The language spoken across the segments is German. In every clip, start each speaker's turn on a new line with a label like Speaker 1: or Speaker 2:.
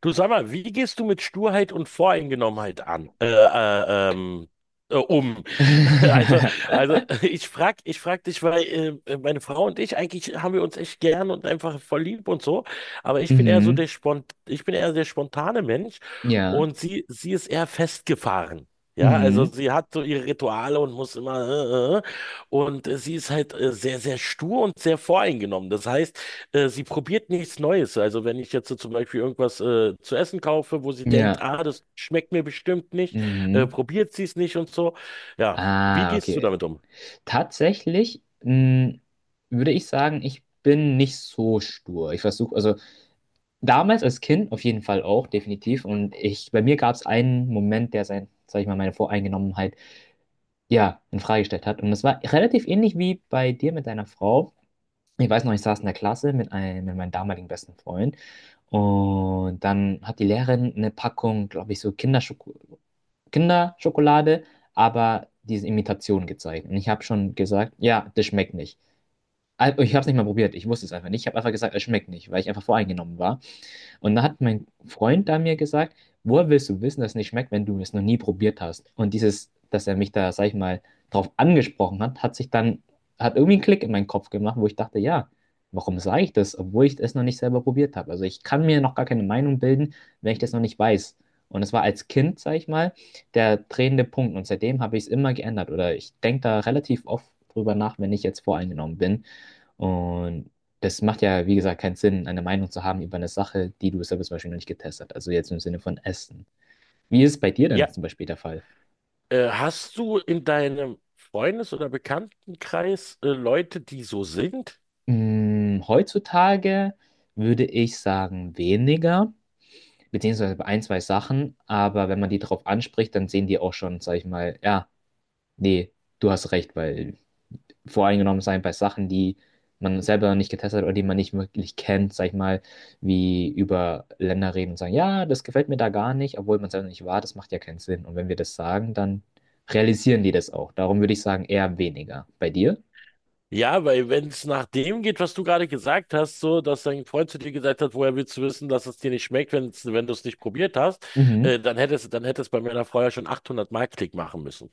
Speaker 1: Du sag mal, wie gehst du mit Sturheit und Voreingenommenheit an, um? Also, also, ich frag dich, weil meine Frau und ich eigentlich haben wir uns echt gern und einfach voll lieb und so, aber ich bin eher so der
Speaker 2: Mhm.
Speaker 1: Ich bin eher der spontane Mensch
Speaker 2: Ja.
Speaker 1: und sie ist eher festgefahren. Ja, also
Speaker 2: Mhm.
Speaker 1: sie hat so ihre Rituale und muss immer äh, äh, äh. Und sie ist halt sehr, sehr stur und sehr voreingenommen. Das heißt, sie probiert nichts Neues. Also wenn ich jetzt so zum Beispiel irgendwas zu essen kaufe, wo sie denkt,
Speaker 2: Ja.
Speaker 1: ah, das schmeckt mir bestimmt nicht,
Speaker 2: Mhm.
Speaker 1: probiert sie es nicht und so. Ja, wie
Speaker 2: Ah,
Speaker 1: gehst du
Speaker 2: okay.
Speaker 1: damit um?
Speaker 2: Tatsächlich, würde ich sagen, ich bin nicht so stur. Ich versuche, also damals als Kind auf jeden Fall auch, definitiv. Und ich, bei mir gab es einen Moment, sag ich mal, meine Voreingenommenheit, ja, in Frage gestellt hat. Und das war relativ ähnlich wie bei dir mit deiner Frau. Ich weiß noch, ich saß in der Klasse mit meinem damaligen besten Freund. Und dann hat die Lehrerin eine Packung, glaube ich, so Kinderschokolade, aber diese Imitation gezeigt. Und ich habe schon gesagt, ja, das schmeckt nicht. Ich habe es nicht mal probiert, ich wusste es einfach nicht. Ich habe einfach gesagt, es schmeckt nicht, weil ich einfach voreingenommen war. Und da hat mein Freund da mir gesagt, woher willst du wissen, dass es nicht schmeckt, wenn du es noch nie probiert hast? Und dieses, dass er mich da, sag ich mal, drauf angesprochen hat, hat sich dann, hat irgendwie einen Klick in meinen Kopf gemacht, wo ich dachte, ja, warum sage ich das, obwohl ich es noch nicht selber probiert habe? Also ich kann mir noch gar keine Meinung bilden, wenn ich das noch nicht weiß. Und das war als Kind, sag ich mal, der drehende Punkt. Und seitdem habe ich es immer geändert. Oder ich denke da relativ oft drüber nach, wenn ich jetzt voreingenommen bin und das macht ja, wie gesagt, keinen Sinn, eine Meinung zu haben über eine Sache, die du selber zum Beispiel noch nicht getestet hast. Also jetzt im Sinne von Essen. Wie ist es bei dir denn
Speaker 1: Ja,
Speaker 2: zum Beispiel der Fall?
Speaker 1: hast du in deinem Freundes- oder Bekanntenkreis Leute, die so sind?
Speaker 2: Heutzutage würde ich sagen weniger, beziehungsweise bei ein, zwei Sachen. Aber wenn man die drauf anspricht, dann sehen die auch schon, sag ich mal, ja, nee, du hast recht, weil voreingenommen sein bei Sachen, die man selber noch nicht getestet hat oder die man nicht wirklich kennt, sag ich mal, wie über Länder reden und sagen, ja, das gefällt mir da gar nicht, obwohl man selber nicht war, das macht ja keinen Sinn. Und wenn wir das sagen, dann realisieren die das auch. Darum würde ich sagen, eher weniger. Bei dir?
Speaker 1: Ja, weil wenn es nach dem geht, was du gerade gesagt hast, so, dass dein Freund zu dir gesagt hat, woher willst du wissen, dass es dir nicht schmeckt, wenn du es nicht probiert hast,
Speaker 2: Mhm.
Speaker 1: dann hätte es bei meiner Frau ja schon 800 Mark Klick machen müssen.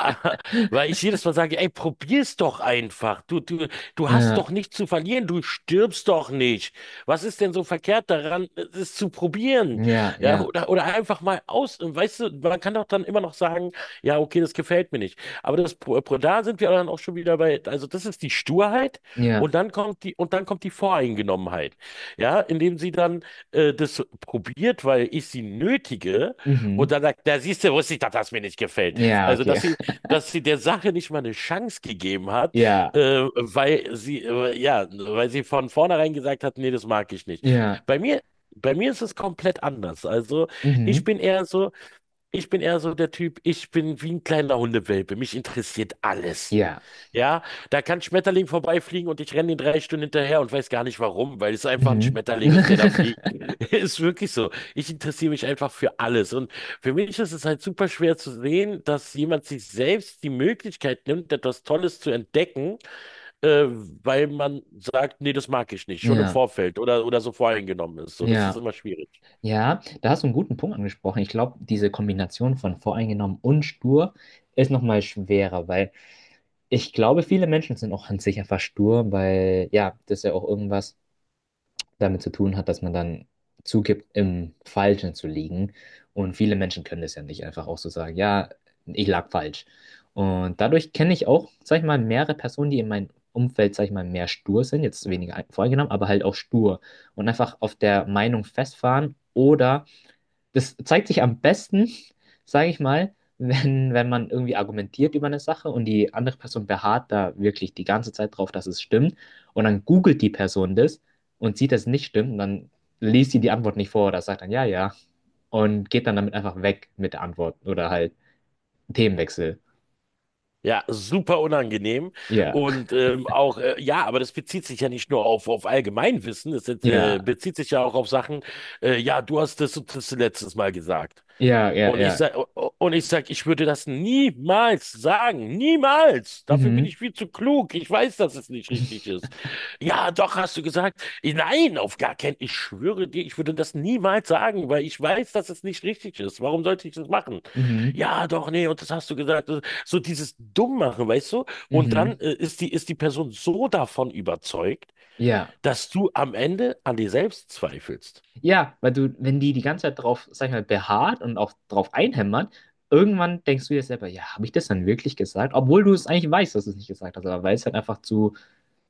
Speaker 1: Weil ich jedes Mal sage, ey, probier's doch einfach. Du hast
Speaker 2: Ja,
Speaker 1: doch nichts zu verlieren, du stirbst doch nicht. Was ist denn so verkehrt daran, es zu probieren?
Speaker 2: ja,
Speaker 1: Ja,
Speaker 2: ja,
Speaker 1: oder einfach mal aus. Weißt du, man kann doch dann immer noch sagen, ja, okay, das gefällt mir nicht. Aber das, da sind wir dann auch schon wieder bei, also das ist die Sturheit
Speaker 2: ja,
Speaker 1: und dann kommt die Voreingenommenheit. Ja, indem sie dann das probiert, weil ich sie nötige und
Speaker 2: mhm.
Speaker 1: dann sagt, da siehst du, wusste ich, dass das mir nicht gefällt.
Speaker 2: Ja,
Speaker 1: Also,
Speaker 2: okay.
Speaker 1: dass sie der Sache nicht mal eine Chance gegeben hat,
Speaker 2: Ja,
Speaker 1: ja, weil sie von vornherein gesagt hat, nee, das mag ich nicht.
Speaker 2: ja,
Speaker 1: Bei mir, bei mir ist es komplett anders. Also ich
Speaker 2: mhm.
Speaker 1: bin eher so, ich bin eher so der Typ, ich bin wie ein kleiner Hundewelpe. Mich interessiert alles.
Speaker 2: Ja,
Speaker 1: Ja, da kann Schmetterling vorbeifliegen und ich renne ihn drei Stunden hinterher und weiß gar nicht warum, weil es einfach ein
Speaker 2: mhm.
Speaker 1: Schmetterling ist, der da fliegt. Ist wirklich so. Ich interessiere mich einfach für alles. Und für mich ist es halt super schwer zu sehen, dass jemand sich selbst die Möglichkeit nimmt, etwas Tolles zu entdecken, äh, weil man sagt, nee, das mag ich nicht, schon im
Speaker 2: Ja,
Speaker 1: Vorfeld oder so voreingenommen ist. So, das ist
Speaker 2: ja.
Speaker 1: immer schwierig.
Speaker 2: Ja, da hast du einen guten Punkt angesprochen. Ich glaube, diese Kombination von voreingenommen und stur ist nochmal schwerer, weil ich glaube, viele Menschen sind auch an sich einfach stur, weil ja, das ja auch irgendwas damit zu tun hat, dass man dann zugibt, im Falschen zu liegen. Und viele Menschen können das ja nicht einfach auch so sagen, ja, ich lag falsch. Und dadurch kenne ich auch, sag ich mal, mehrere Personen, die in meinem Umfeld, sag ich mal, mehr stur sind, jetzt weniger voreingenommen, aber halt auch stur und einfach auf der Meinung festfahren oder das zeigt sich am besten, sage ich mal, wenn man irgendwie argumentiert über eine Sache und die andere Person beharrt da wirklich die ganze Zeit drauf, dass es stimmt. Und dann googelt die Person das und sieht, dass es nicht stimmt. Und dann liest sie die Antwort nicht vor oder sagt dann ja, ja. Und geht dann damit einfach weg mit der Antwort oder halt Themenwechsel.
Speaker 1: Ja, super unangenehm.
Speaker 2: Ja,
Speaker 1: Und ja, aber das bezieht sich ja nicht nur auf Allgemeinwissen, es
Speaker 2: ja,
Speaker 1: bezieht sich ja auch auf Sachen, ja, du hast das und das letztes Mal gesagt.
Speaker 2: ja, ja,
Speaker 1: Und ich
Speaker 2: ja.
Speaker 1: sag, und ich sag, ich würde das niemals sagen. Niemals. Dafür bin
Speaker 2: Mhm,
Speaker 1: ich viel zu klug. Ich weiß, dass es nicht richtig ist. Ja, doch, hast du gesagt. Nein, auf gar keinen. Ich schwöre dir, ich würde das niemals sagen, weil ich weiß, dass es nicht richtig ist. Warum sollte ich das machen?
Speaker 2: mhm,
Speaker 1: Ja, doch, nee, und das hast du gesagt. So dieses Dummmachen, weißt du? Und dann
Speaker 2: mhm.
Speaker 1: ist die Person so davon überzeugt,
Speaker 2: Ja.
Speaker 1: dass du am Ende an dir selbst zweifelst.
Speaker 2: Ja, weil du, wenn die die ganze Zeit drauf, sag ich mal, beharrt und auch drauf einhämmert, irgendwann denkst du dir selber, ja, habe ich das dann wirklich gesagt? Obwohl du es eigentlich weißt, dass du es nicht gesagt hast, aber weil es halt einfach zu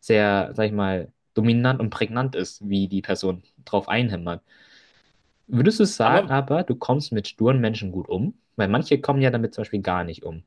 Speaker 2: sehr, sag ich mal, dominant und prägnant ist, wie die Person drauf einhämmert. Würdest du sagen,
Speaker 1: Aber,
Speaker 2: aber du kommst mit sturen Menschen gut um? Weil manche kommen ja damit zum Beispiel gar nicht um.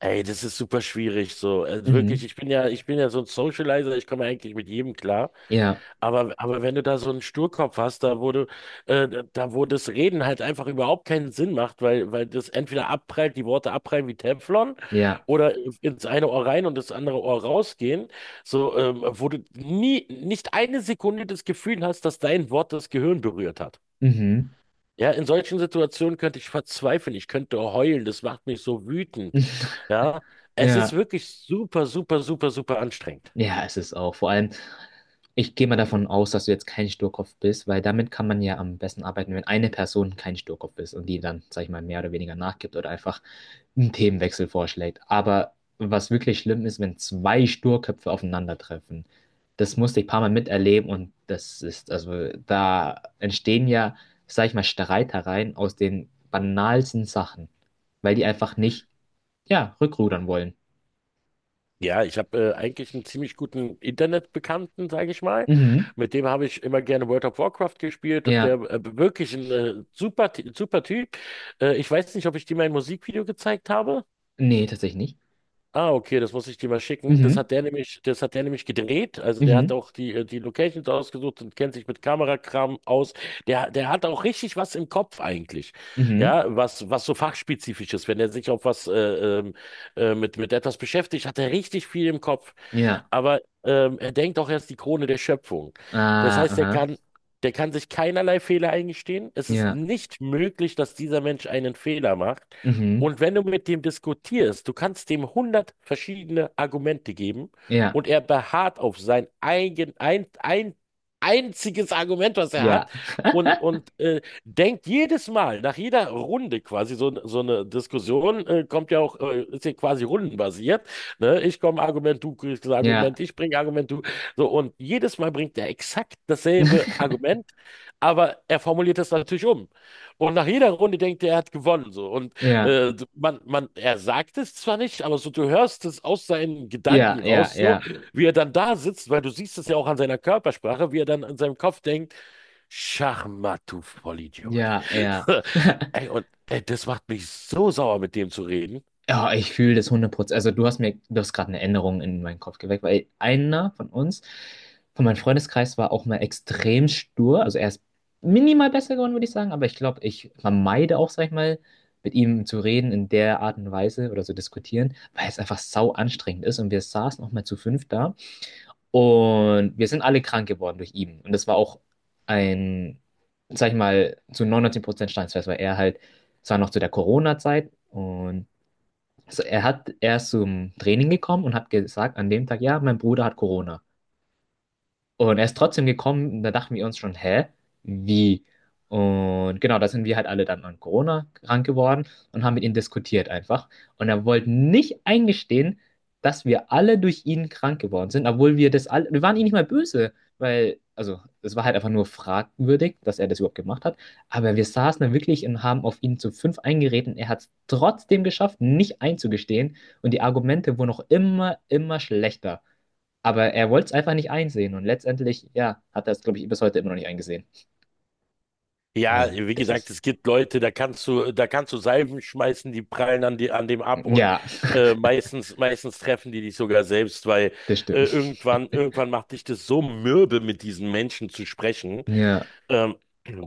Speaker 1: ey, das ist super schwierig so. Also wirklich,
Speaker 2: Mhm.
Speaker 1: ich bin ja so ein Socializer, ich komme eigentlich mit jedem klar.
Speaker 2: Ja,
Speaker 1: Aber wenn du da so einen Sturkopf hast, da wo das Reden halt einfach überhaupt keinen Sinn macht, weil das entweder abprallt, die Worte abprallen wie Teflon
Speaker 2: ja,
Speaker 1: oder ins eine Ohr rein und das andere Ohr rausgehen, so, wo du nie, nicht eine Sekunde das Gefühl hast, dass dein Wort das Gehirn berührt hat.
Speaker 2: mhm.
Speaker 1: Ja, in solchen Situationen könnte ich verzweifeln, ich könnte heulen, das macht mich so wütend. Ja, es ist
Speaker 2: Ja.
Speaker 1: wirklich super, super, super, super anstrengend.
Speaker 2: Ja, es ist auch. Vor allem, ich gehe mal davon aus, dass du jetzt kein Sturkopf bist, weil damit kann man ja am besten arbeiten, wenn eine Person kein Sturkopf ist und die dann, sag ich mal, mehr oder weniger nachgibt oder einfach einen Themenwechsel vorschlägt. Aber was wirklich schlimm ist, wenn zwei Sturköpfe aufeinandertreffen. Das musste ich ein paar Mal miterleben und das ist, also da entstehen ja, sag ich mal, Streitereien aus den banalsten Sachen, weil die einfach nicht, ja, rückrudern wollen.
Speaker 1: Ja, ich habe eigentlich einen ziemlich guten Internetbekannten, sage ich mal.
Speaker 2: Mhm.
Speaker 1: Mit dem habe ich immer gerne World of Warcraft gespielt und der
Speaker 2: Ja,
Speaker 1: wirklich ein super Typ. Ich weiß nicht, ob ich dir mein Musikvideo gezeigt habe.
Speaker 2: nee, tatsächlich nicht.
Speaker 1: Ah, okay, das muss ich dir mal schicken.
Speaker 2: Mhm.
Speaker 1: Das hat der nämlich gedreht. Also der hat
Speaker 2: Mhm.
Speaker 1: auch die Locations ausgesucht und kennt sich mit Kamerakram aus. Der hat auch richtig was im Kopf eigentlich.
Speaker 2: Mhm.
Speaker 1: Ja, was so fachspezifisch ist. Wenn er sich auf ähm, mit etwas beschäftigt, hat er richtig viel im Kopf.
Speaker 2: Ja.
Speaker 1: Aber er denkt auch, er ist die Krone der Schöpfung. Das
Speaker 2: Ah,
Speaker 1: heißt,
Speaker 2: aha.
Speaker 1: der kann sich keinerlei Fehler eingestehen. Es ist
Speaker 2: Ja.
Speaker 1: nicht möglich, dass dieser Mensch einen Fehler macht.
Speaker 2: Mhm.
Speaker 1: Und wenn du mit dem diskutierst, du kannst dem hundert verschiedene Argumente geben
Speaker 2: Ja.
Speaker 1: und er beharrt auf sein ein einziges Argument, was er
Speaker 2: Ja.
Speaker 1: hat und, und äh, denkt jedes Mal, nach jeder Runde quasi, so, so eine Diskussion ist ja quasi rundenbasiert, ne? Ich komme Argument, du kriegst das
Speaker 2: Ja.
Speaker 1: Argument, ich bringe Argument, du, so und jedes Mal bringt er exakt dasselbe Argument, aber er formuliert es natürlich um. Und nach jeder Runde denkt er, er hat gewonnen. So. Und
Speaker 2: Ja.
Speaker 1: er sagt es zwar nicht, aber so du hörst es aus seinen
Speaker 2: Ja.
Speaker 1: Gedanken
Speaker 2: Ja. Ja.
Speaker 1: raus, so
Speaker 2: Ja.
Speaker 1: wie er dann da sitzt, weil du siehst es ja auch an seiner Körpersprache, wie er dann an seinem Kopf denkt, Schachmatt, du Vollidiot.
Speaker 2: Ja. Ja.
Speaker 1: Ey, und ey, das macht mich so sauer, mit dem zu reden.
Speaker 2: Ja, ich fühle das 100%. Also du hast gerade eine Änderung in meinen Kopf geweckt, weil einer von uns, von meinem Freundeskreis, war auch mal extrem stur. Also er ist minimal besser geworden, würde ich sagen, aber ich glaube, ich vermeide auch, sag ich mal, mit ihm zu reden in der Art und Weise oder zu diskutieren, weil es einfach sau anstrengend ist. Und wir saßen auch mal zu fünft da und wir sind alle krank geworden durch ihn. Und das war auch ein, sag ich mal, zu 99% Steinsfest, weil er halt, es war noch zu der Corona-Zeit und also er hat, er ist zum Training gekommen und hat gesagt, an dem Tag, ja, mein Bruder hat Corona. Und er ist trotzdem gekommen, und da dachten wir uns schon, hä, wie? Und genau, da sind wir halt alle dann an Corona krank geworden und haben mit ihm diskutiert einfach. Und er wollte nicht eingestehen, dass wir alle durch ihn krank geworden sind, obwohl wir das alle, wir waren ihm nicht mal böse, weil, also, es war halt einfach nur fragwürdig, dass er das überhaupt gemacht hat. Aber wir saßen da wirklich und haben auf ihn zu fünf eingeredet und er hat es trotzdem geschafft, nicht einzugestehen. Und die Argumente wurden auch immer, immer schlechter. Aber er wollte es einfach nicht einsehen. Und letztendlich, ja, hat er es, glaube ich, bis heute immer noch nicht eingesehen.
Speaker 1: Ja,
Speaker 2: Und
Speaker 1: wie
Speaker 2: das
Speaker 1: gesagt,
Speaker 2: ist,
Speaker 1: es gibt Leute, da kannst du Salven schmeißen, die prallen an, an dem ab und
Speaker 2: ja,
Speaker 1: meistens treffen die dich sogar selbst, weil
Speaker 2: das
Speaker 1: äh,
Speaker 2: stimmt.
Speaker 1: irgendwann, irgendwann macht dich das so mürbe, mit diesen Menschen zu sprechen.
Speaker 2: Ja,
Speaker 1: ähm,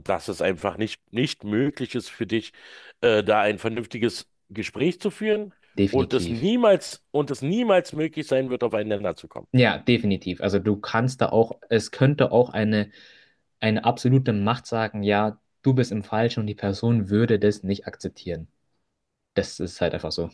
Speaker 1: dass es einfach nicht möglich ist für dich, da ein vernünftiges Gespräch zu führen und
Speaker 2: definitiv.
Speaker 1: es niemals möglich sein wird, aufeinander zu kommen.
Speaker 2: Ja, definitiv. Also du kannst da auch, es könnte auch eine absolute Macht sagen, ja, du bist im Falschen und die Person würde das nicht akzeptieren. Das ist halt einfach so.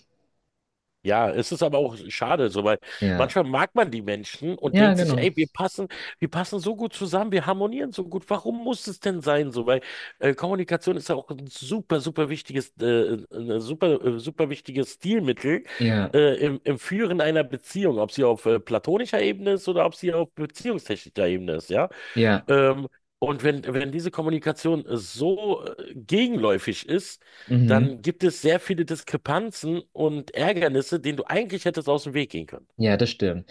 Speaker 1: Ja, es ist aber auch schade, so, weil
Speaker 2: Ja.
Speaker 1: manchmal mag man die Menschen und
Speaker 2: Ja,
Speaker 1: denkt sich,
Speaker 2: genau.
Speaker 1: ey, wir passen so gut zusammen, wir harmonieren so gut. Warum muss es denn sein, so? Weil Kommunikation ist ja auch ein super, super wichtiges, super wichtiges Stilmittel
Speaker 2: Ja,
Speaker 1: im Führen einer Beziehung, ob sie auf platonischer Ebene ist oder ob sie auf beziehungstechnischer Ebene ist, ja.
Speaker 2: ja.
Speaker 1: Ähm, wenn diese Kommunikation so gegenläufig ist,
Speaker 2: Mhm.
Speaker 1: dann gibt es sehr viele Diskrepanzen und Ärgernisse, denen du eigentlich hättest aus dem Weg gehen können.
Speaker 2: Ja, das stimmt.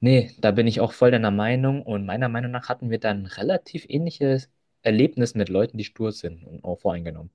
Speaker 2: Nee, da bin ich auch voll deiner Meinung und meiner Meinung nach hatten wir dann ein relativ ähnliches Erlebnis mit Leuten, die stur sind und auch voreingenommen.